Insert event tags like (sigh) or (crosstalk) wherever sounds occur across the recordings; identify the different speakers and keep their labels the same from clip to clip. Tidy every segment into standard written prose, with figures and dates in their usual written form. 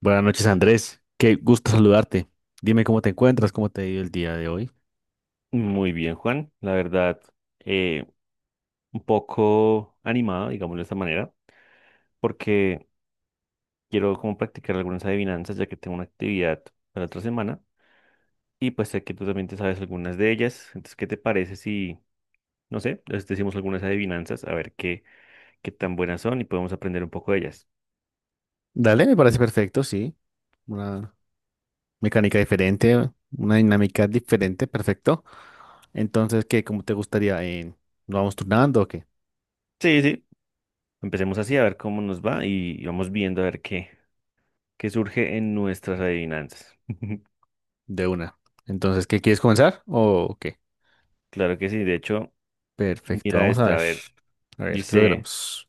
Speaker 1: Buenas noches, Andrés. Qué gusto saludarte. Dime cómo te encuentras, cómo te ha ido el día de hoy.
Speaker 2: Muy bien, Juan. La verdad, eh, un poco animado, digámoslo de esta manera, porque quiero como practicar algunas adivinanzas, ya que tengo una actividad para la otra semana. Y pues sé que tú también te sabes algunas de ellas. Entonces, ¿qué te parece si, no sé, les decimos algunas adivinanzas, a ver qué tan buenas son y podemos aprender un poco de ellas?
Speaker 1: Dale, me parece perfecto, sí. Una mecánica diferente, una dinámica diferente, perfecto. Entonces, ¿qué? ¿Cómo te gustaría? ¿Nos vamos turnando o qué?
Speaker 2: Sí, sí. Empecemos así, a ver cómo nos va y vamos viendo a ver qué surge en nuestras adivinanzas. (laughs)
Speaker 1: De una. Entonces, ¿qué quieres comenzar o qué?
Speaker 2: Claro que sí. De hecho,
Speaker 1: Perfecto,
Speaker 2: mira
Speaker 1: vamos a
Speaker 2: esta, a
Speaker 1: ver.
Speaker 2: ver,
Speaker 1: A ver, ¿qué
Speaker 2: dice.
Speaker 1: logramos?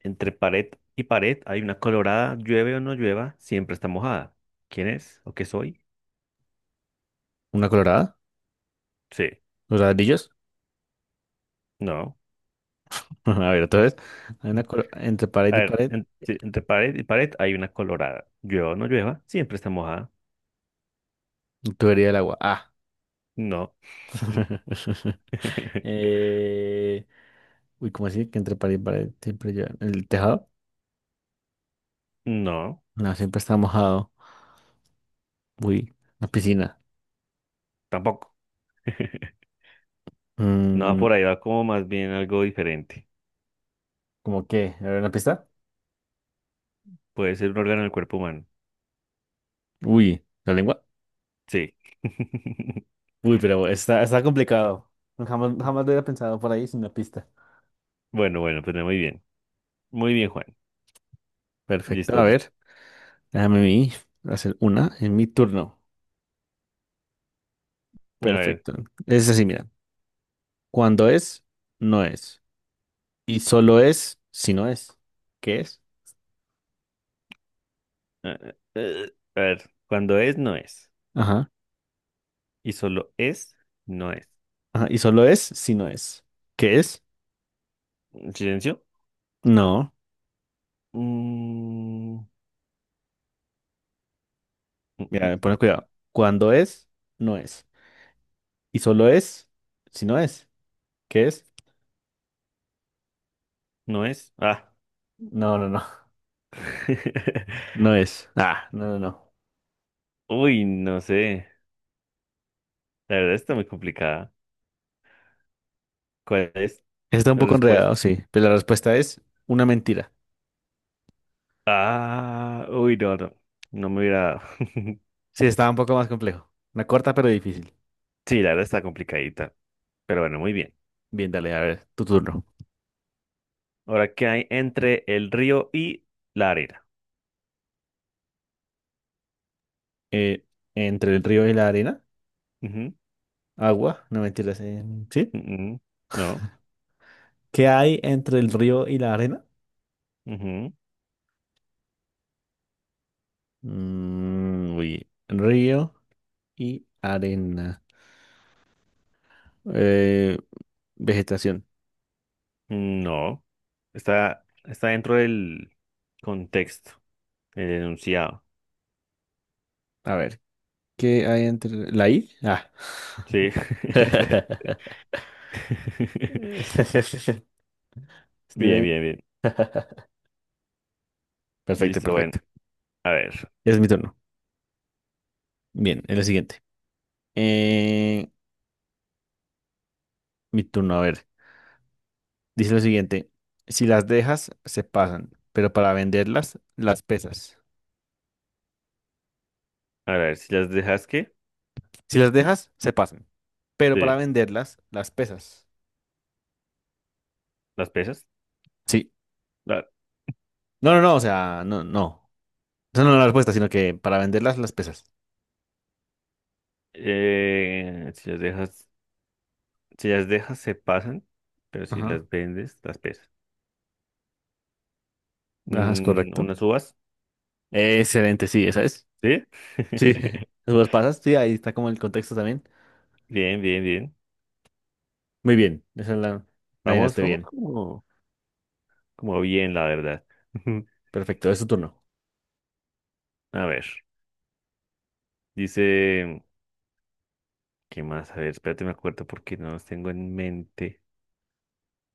Speaker 2: Entre pared y pared hay una colorada, llueve o no llueva, siempre está mojada. ¿Quién es? ¿O qué soy?
Speaker 1: ¿Una colorada?
Speaker 2: Sí,
Speaker 1: ¿Los ladrillos?
Speaker 2: no.
Speaker 1: (laughs) A ver, otra vez. Hay
Speaker 2: Mm.
Speaker 1: una entre
Speaker 2: A
Speaker 1: pared y
Speaker 2: ver,
Speaker 1: pared,
Speaker 2: sí, entre pared y pared hay una colorada, llueva o no llueva, siempre está mojada.
Speaker 1: tubería del agua. Ah.
Speaker 2: No.
Speaker 1: (laughs)
Speaker 2: (laughs)
Speaker 1: Eh, uy, ¿cómo así? Que entre pared y pared siempre lleva el tejado.
Speaker 2: No,
Speaker 1: No, siempre está mojado. Uy, la piscina.
Speaker 2: tampoco. (laughs) No,
Speaker 1: Mm,
Speaker 2: por ahí va como más bien algo diferente.
Speaker 1: ¿cómo qué? ¿A ver una pista?
Speaker 2: Puede ser un órgano del cuerpo humano.
Speaker 1: Uy, la lengua.
Speaker 2: Sí. (laughs)
Speaker 1: Uy, pero está complicado. Jamás, jamás lo hubiera pensado por ahí sin una pista.
Speaker 2: Bueno, bueno, pues muy bien. Muy bien, Juan.
Speaker 1: Perfecto,
Speaker 2: Listo,
Speaker 1: a
Speaker 2: listo.
Speaker 1: ver. Déjame a mí hacer una en mi turno.
Speaker 2: A ver.
Speaker 1: Perfecto. Es así, mira. Cuando es, no es. Y solo es si no es. ¿Qué es?
Speaker 2: A ver, cuando es, no es.
Speaker 1: Ajá.
Speaker 2: Y solo es, no es.
Speaker 1: Ajá. Y solo es si no es. ¿Qué es?
Speaker 2: Silencio.
Speaker 1: No.
Speaker 2: Mm, mm,
Speaker 1: Mira,
Speaker 2: mm,
Speaker 1: pones cuidado. Cuando es, no es. Y solo es, si no es. ¿Qué es?
Speaker 2: no es. Ah.
Speaker 1: No, no, no. (laughs)
Speaker 2: (laughs)
Speaker 1: No es. Ah, no, no, no.
Speaker 2: Uy, no sé. La verdad está muy complicada. ¿Cuál es
Speaker 1: Está un
Speaker 2: la
Speaker 1: poco
Speaker 2: respuesta?
Speaker 1: enredado, sí. Pero la respuesta es una mentira.
Speaker 2: Ah, uy, no, no. No me hubiera. Dado. (laughs)
Speaker 1: Sí, estaba un poco más complejo. Una corta pero difícil.
Speaker 2: Sí, la verdad está complicadita. Pero bueno, muy bien.
Speaker 1: Bien, dale, a ver, tu turno.
Speaker 2: Ahora, ¿qué hay entre el río y la arena?
Speaker 1: Eh, entre el río y la arena.
Speaker 2: Ujú,
Speaker 1: Agua. No mentiras. ¿Sí?
Speaker 2: mm, no.
Speaker 1: ¿Qué hay entre el río y la arena?
Speaker 2: Ujú,
Speaker 1: Mm, uy, río y arena. Eh, vegetación.
Speaker 2: no. Está, está dentro del contexto, el enunciado.
Speaker 1: A ver. ¿Qué hay entre la I? Ah.
Speaker 2: Sí.
Speaker 1: (laughs)
Speaker 2: (laughs)
Speaker 1: Este-
Speaker 2: Bien, bien, bien.
Speaker 1: Perfecto,
Speaker 2: Listo, bueno.
Speaker 1: perfecto.
Speaker 2: A ver,
Speaker 1: Es mi turno. Bien, es lo siguiente. Eh, mi turno, a ver. Dice lo siguiente. Si las dejas, se pasan, pero para venderlas, las pesas.
Speaker 2: a ver, si las dejas, ¿qué?
Speaker 1: Si las dejas, se pasan, pero
Speaker 2: Sí,
Speaker 1: para venderlas, las pesas.
Speaker 2: las pesas.
Speaker 1: Sí.
Speaker 2: La-
Speaker 1: No, no, no, o sea, no, no. Esa no es la respuesta, sino que para venderlas, las pesas.
Speaker 2: si las dejas, se pasan, pero si
Speaker 1: Ajá.
Speaker 2: las vendes, las pesas.
Speaker 1: Ajá, es
Speaker 2: Mm,
Speaker 1: correcto.
Speaker 2: unas uvas,
Speaker 1: Excelente, sí, esa es.
Speaker 2: ¿sí?
Speaker 1: Sí,
Speaker 2: (laughs)
Speaker 1: (laughs) los pasas, sí, ahí está como el contexto también.
Speaker 2: Bien, bien, bien.
Speaker 1: Muy bien, esa la
Speaker 2: Vamos,
Speaker 1: adivinaste
Speaker 2: vamos
Speaker 1: bien.
Speaker 2: como, como bien, la verdad. (laughs)
Speaker 1: Perfecto, es su turno.
Speaker 2: A ver, dice, ¿qué más? A ver, espérate, me acuerdo porque no los tengo en mente.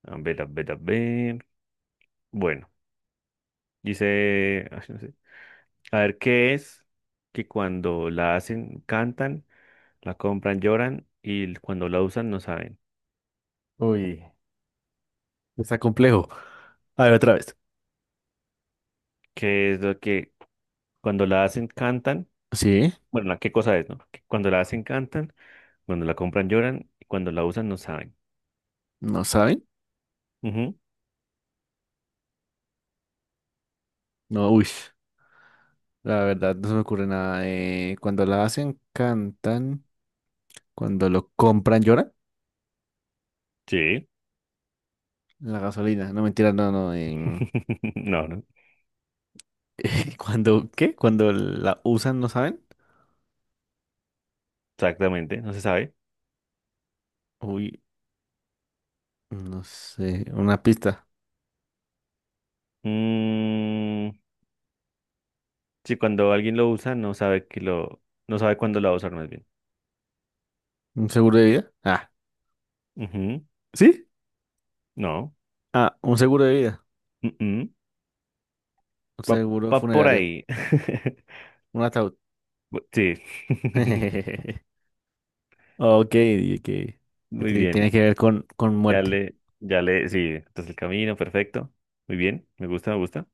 Speaker 2: A ver, a ver, a ver. Bueno. Dice, ay, no sé. A ver, ¿qué es que cuando la hacen, cantan, la compran, lloran y cuando la usan no saben?
Speaker 1: Uy, está complejo. A ver, otra vez.
Speaker 2: ¿Qué es lo que cuando la hacen, cantan?
Speaker 1: Sí,
Speaker 2: Bueno, ¿qué cosa es, no? Que cuando la hacen, cantan, cuando la compran, lloran y cuando la usan no saben.
Speaker 1: no saben.
Speaker 2: Ujú,
Speaker 1: No, uy, la verdad no se me ocurre nada. Cuando la hacen, cantan. Cuando lo compran, lloran.
Speaker 2: sí.
Speaker 1: La gasolina, no mentira, no, no.
Speaker 2: (laughs) No, no,
Speaker 1: (laughs) Cuando, ¿qué? Cuando la usan, no saben.
Speaker 2: exactamente, no se sabe.
Speaker 1: Uy, no sé, una pista.
Speaker 2: Mm, sí, cuando alguien lo usa no sabe que no sabe cuándo lo va a usar más bien.
Speaker 1: ¿Un seguro de vida? Ah,
Speaker 2: Ujú,
Speaker 1: ¿sí?
Speaker 2: no.
Speaker 1: Ah, un seguro de vida.
Speaker 2: mm, mm.
Speaker 1: Un
Speaker 2: Va,
Speaker 1: seguro
Speaker 2: va por
Speaker 1: funerario.
Speaker 2: ahí. (laughs)
Speaker 1: Un ataúd.
Speaker 2: Sí. (laughs)
Speaker 1: (laughs) Ok, que
Speaker 2: Muy bien.
Speaker 1: tiene que ver con muerte.
Speaker 2: Sí, entonces el camino, perfecto. Muy bien, me gusta, me gusta.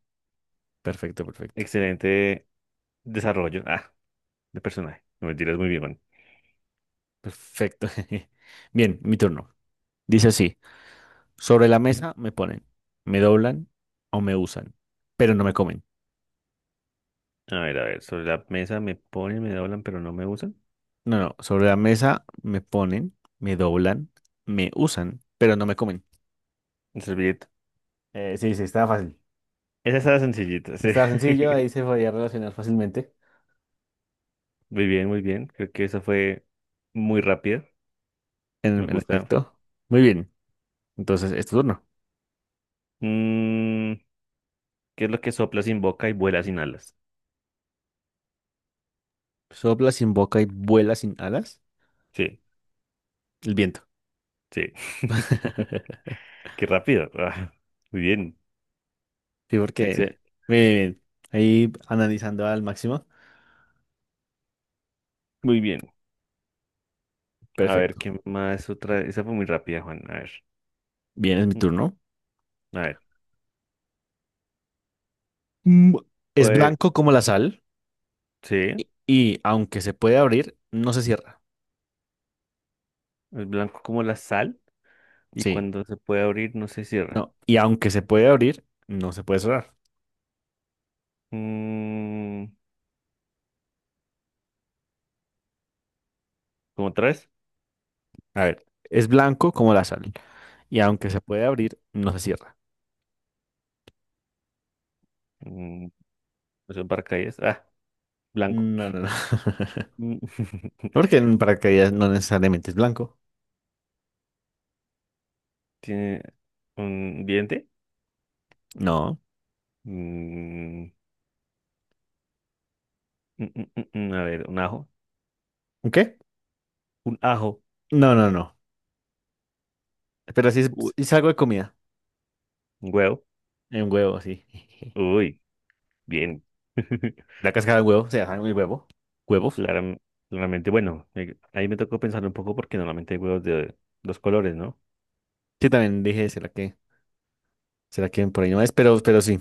Speaker 1: Perfecto, perfecto.
Speaker 2: Excelente desarrollo, ah, de personaje. No mentiras, muy bien, man.
Speaker 1: Perfecto. (laughs) Bien, mi turno. Dice así, sobre la mesa me ponen, me doblan o me usan, pero no me comen.
Speaker 2: A ver, sobre la mesa me ponen, me doblan, pero no me usan.
Speaker 1: No, no, sobre la mesa me ponen, me doblan, me usan, pero no me comen.
Speaker 2: El servilleta.
Speaker 1: Sí, sí, estaba fácil.
Speaker 2: Esa estaba sencillita, sí.
Speaker 1: Estaba sencillo, ahí se podía relacionar fácilmente.
Speaker 2: (laughs) Muy bien, muy bien. Creo que esa fue muy rápida. Me
Speaker 1: En
Speaker 2: gusta.
Speaker 1: efecto. Muy bien. Entonces, es tu turno.
Speaker 2: Mm, ¿qué es lo que sopla sin boca y vuela sin alas?
Speaker 1: Sopla sin boca y vuela sin alas.
Speaker 2: Sí,
Speaker 1: El viento.
Speaker 2: sí. (laughs)
Speaker 1: (laughs)
Speaker 2: Qué rápido. (laughs) Ah, muy bien.
Speaker 1: Sí, porque
Speaker 2: Excel.
Speaker 1: bien, bien, ahí analizando al máximo.
Speaker 2: Muy bien. A ver,
Speaker 1: Perfecto.
Speaker 2: ¿qué más otra? Esa fue muy rápida, Juan. A ver.
Speaker 1: Bien, es mi
Speaker 2: Mm,
Speaker 1: turno.
Speaker 2: a ver.
Speaker 1: Mm, es
Speaker 2: Pues,
Speaker 1: blanco como la sal
Speaker 2: sí, es
Speaker 1: y aunque se puede abrir, no se cierra.
Speaker 2: blanco como la sal y
Speaker 1: Sí,
Speaker 2: cuando se puede abrir no se cierra.
Speaker 1: no. Y aunque se puede abrir, no se puede cerrar.
Speaker 2: Mm, ¿cómo otra vez?
Speaker 1: A ver, es blanco como la sal y aunque se puede abrir, no se cierra.
Speaker 2: Mm, eso es paracaídas. Ah, blanco.
Speaker 1: No, no, no. (laughs)
Speaker 2: Mm, (laughs)
Speaker 1: Porque en paracaídas no necesariamente es blanco.
Speaker 2: ¿Tiene un diente?
Speaker 1: No.
Speaker 2: Mm, mm, mm, mm, a ver, un ajo.
Speaker 1: ¿Un qué?
Speaker 2: Un ajo.
Speaker 1: No, no, no. Pero
Speaker 2: Uy,
Speaker 1: sí es algo de comida.
Speaker 2: un huevo.
Speaker 1: Un huevo, sí. (laughs)
Speaker 2: Uy, bien. (laughs)
Speaker 1: La cáscara de huevo, se llama el huevo. Huevos.
Speaker 2: Claram- claramente, bueno, ahí me tocó pensar un poco porque normalmente hay huevos de dos colores, ¿no?
Speaker 1: Sí, también dije, será que por ahí no es? Pero sí,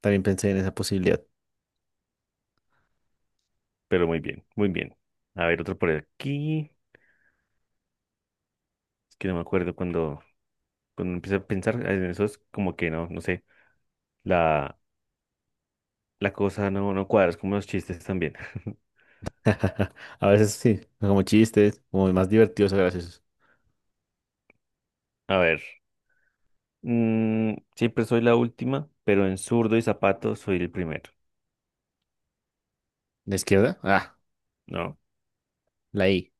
Speaker 1: también pensé en esa posibilidad.
Speaker 2: Pero muy bien, muy bien. A ver, otro por aquí. Es que no me acuerdo cuando empiezo a pensar en eso es como que no, no sé, la, la cosa no, no cuadra, es como los chistes también. (laughs)
Speaker 1: (laughs) A veces sí, como chistes, como más divertidos o graciosos.
Speaker 2: A ver, mm, siempre soy la última, pero en zurdo y zapato soy el primero.
Speaker 1: ¿De izquierda? Ah,
Speaker 2: No,
Speaker 1: la I.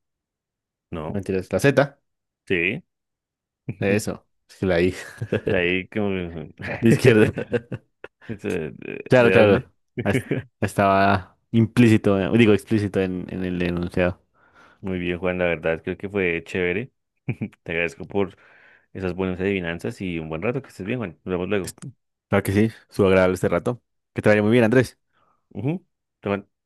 Speaker 1: No,
Speaker 2: no,
Speaker 1: mentiras, la Z.
Speaker 2: sí. (laughs)
Speaker 1: Eso, es que la I.
Speaker 2: De ahí como...
Speaker 1: (laughs) De izquierda.
Speaker 2: (laughs)
Speaker 1: (laughs)
Speaker 2: Eso,
Speaker 1: Claro,
Speaker 2: ¿de dónde?
Speaker 1: claro.
Speaker 2: (laughs)
Speaker 1: Es- Estaba implícito, digo explícito en el enunciado.
Speaker 2: Muy bien, Juan, la verdad creo que fue chévere. (laughs) Te agradezco por esas buenas adivinanzas y un buen rato, que estés bien, Juan. Nos vemos
Speaker 1: Est-
Speaker 2: luego.
Speaker 1: Claro que sí, estuvo agradable este rato. Que te vaya muy bien, Andrés.
Speaker 2: Ujú. Chao, Juan.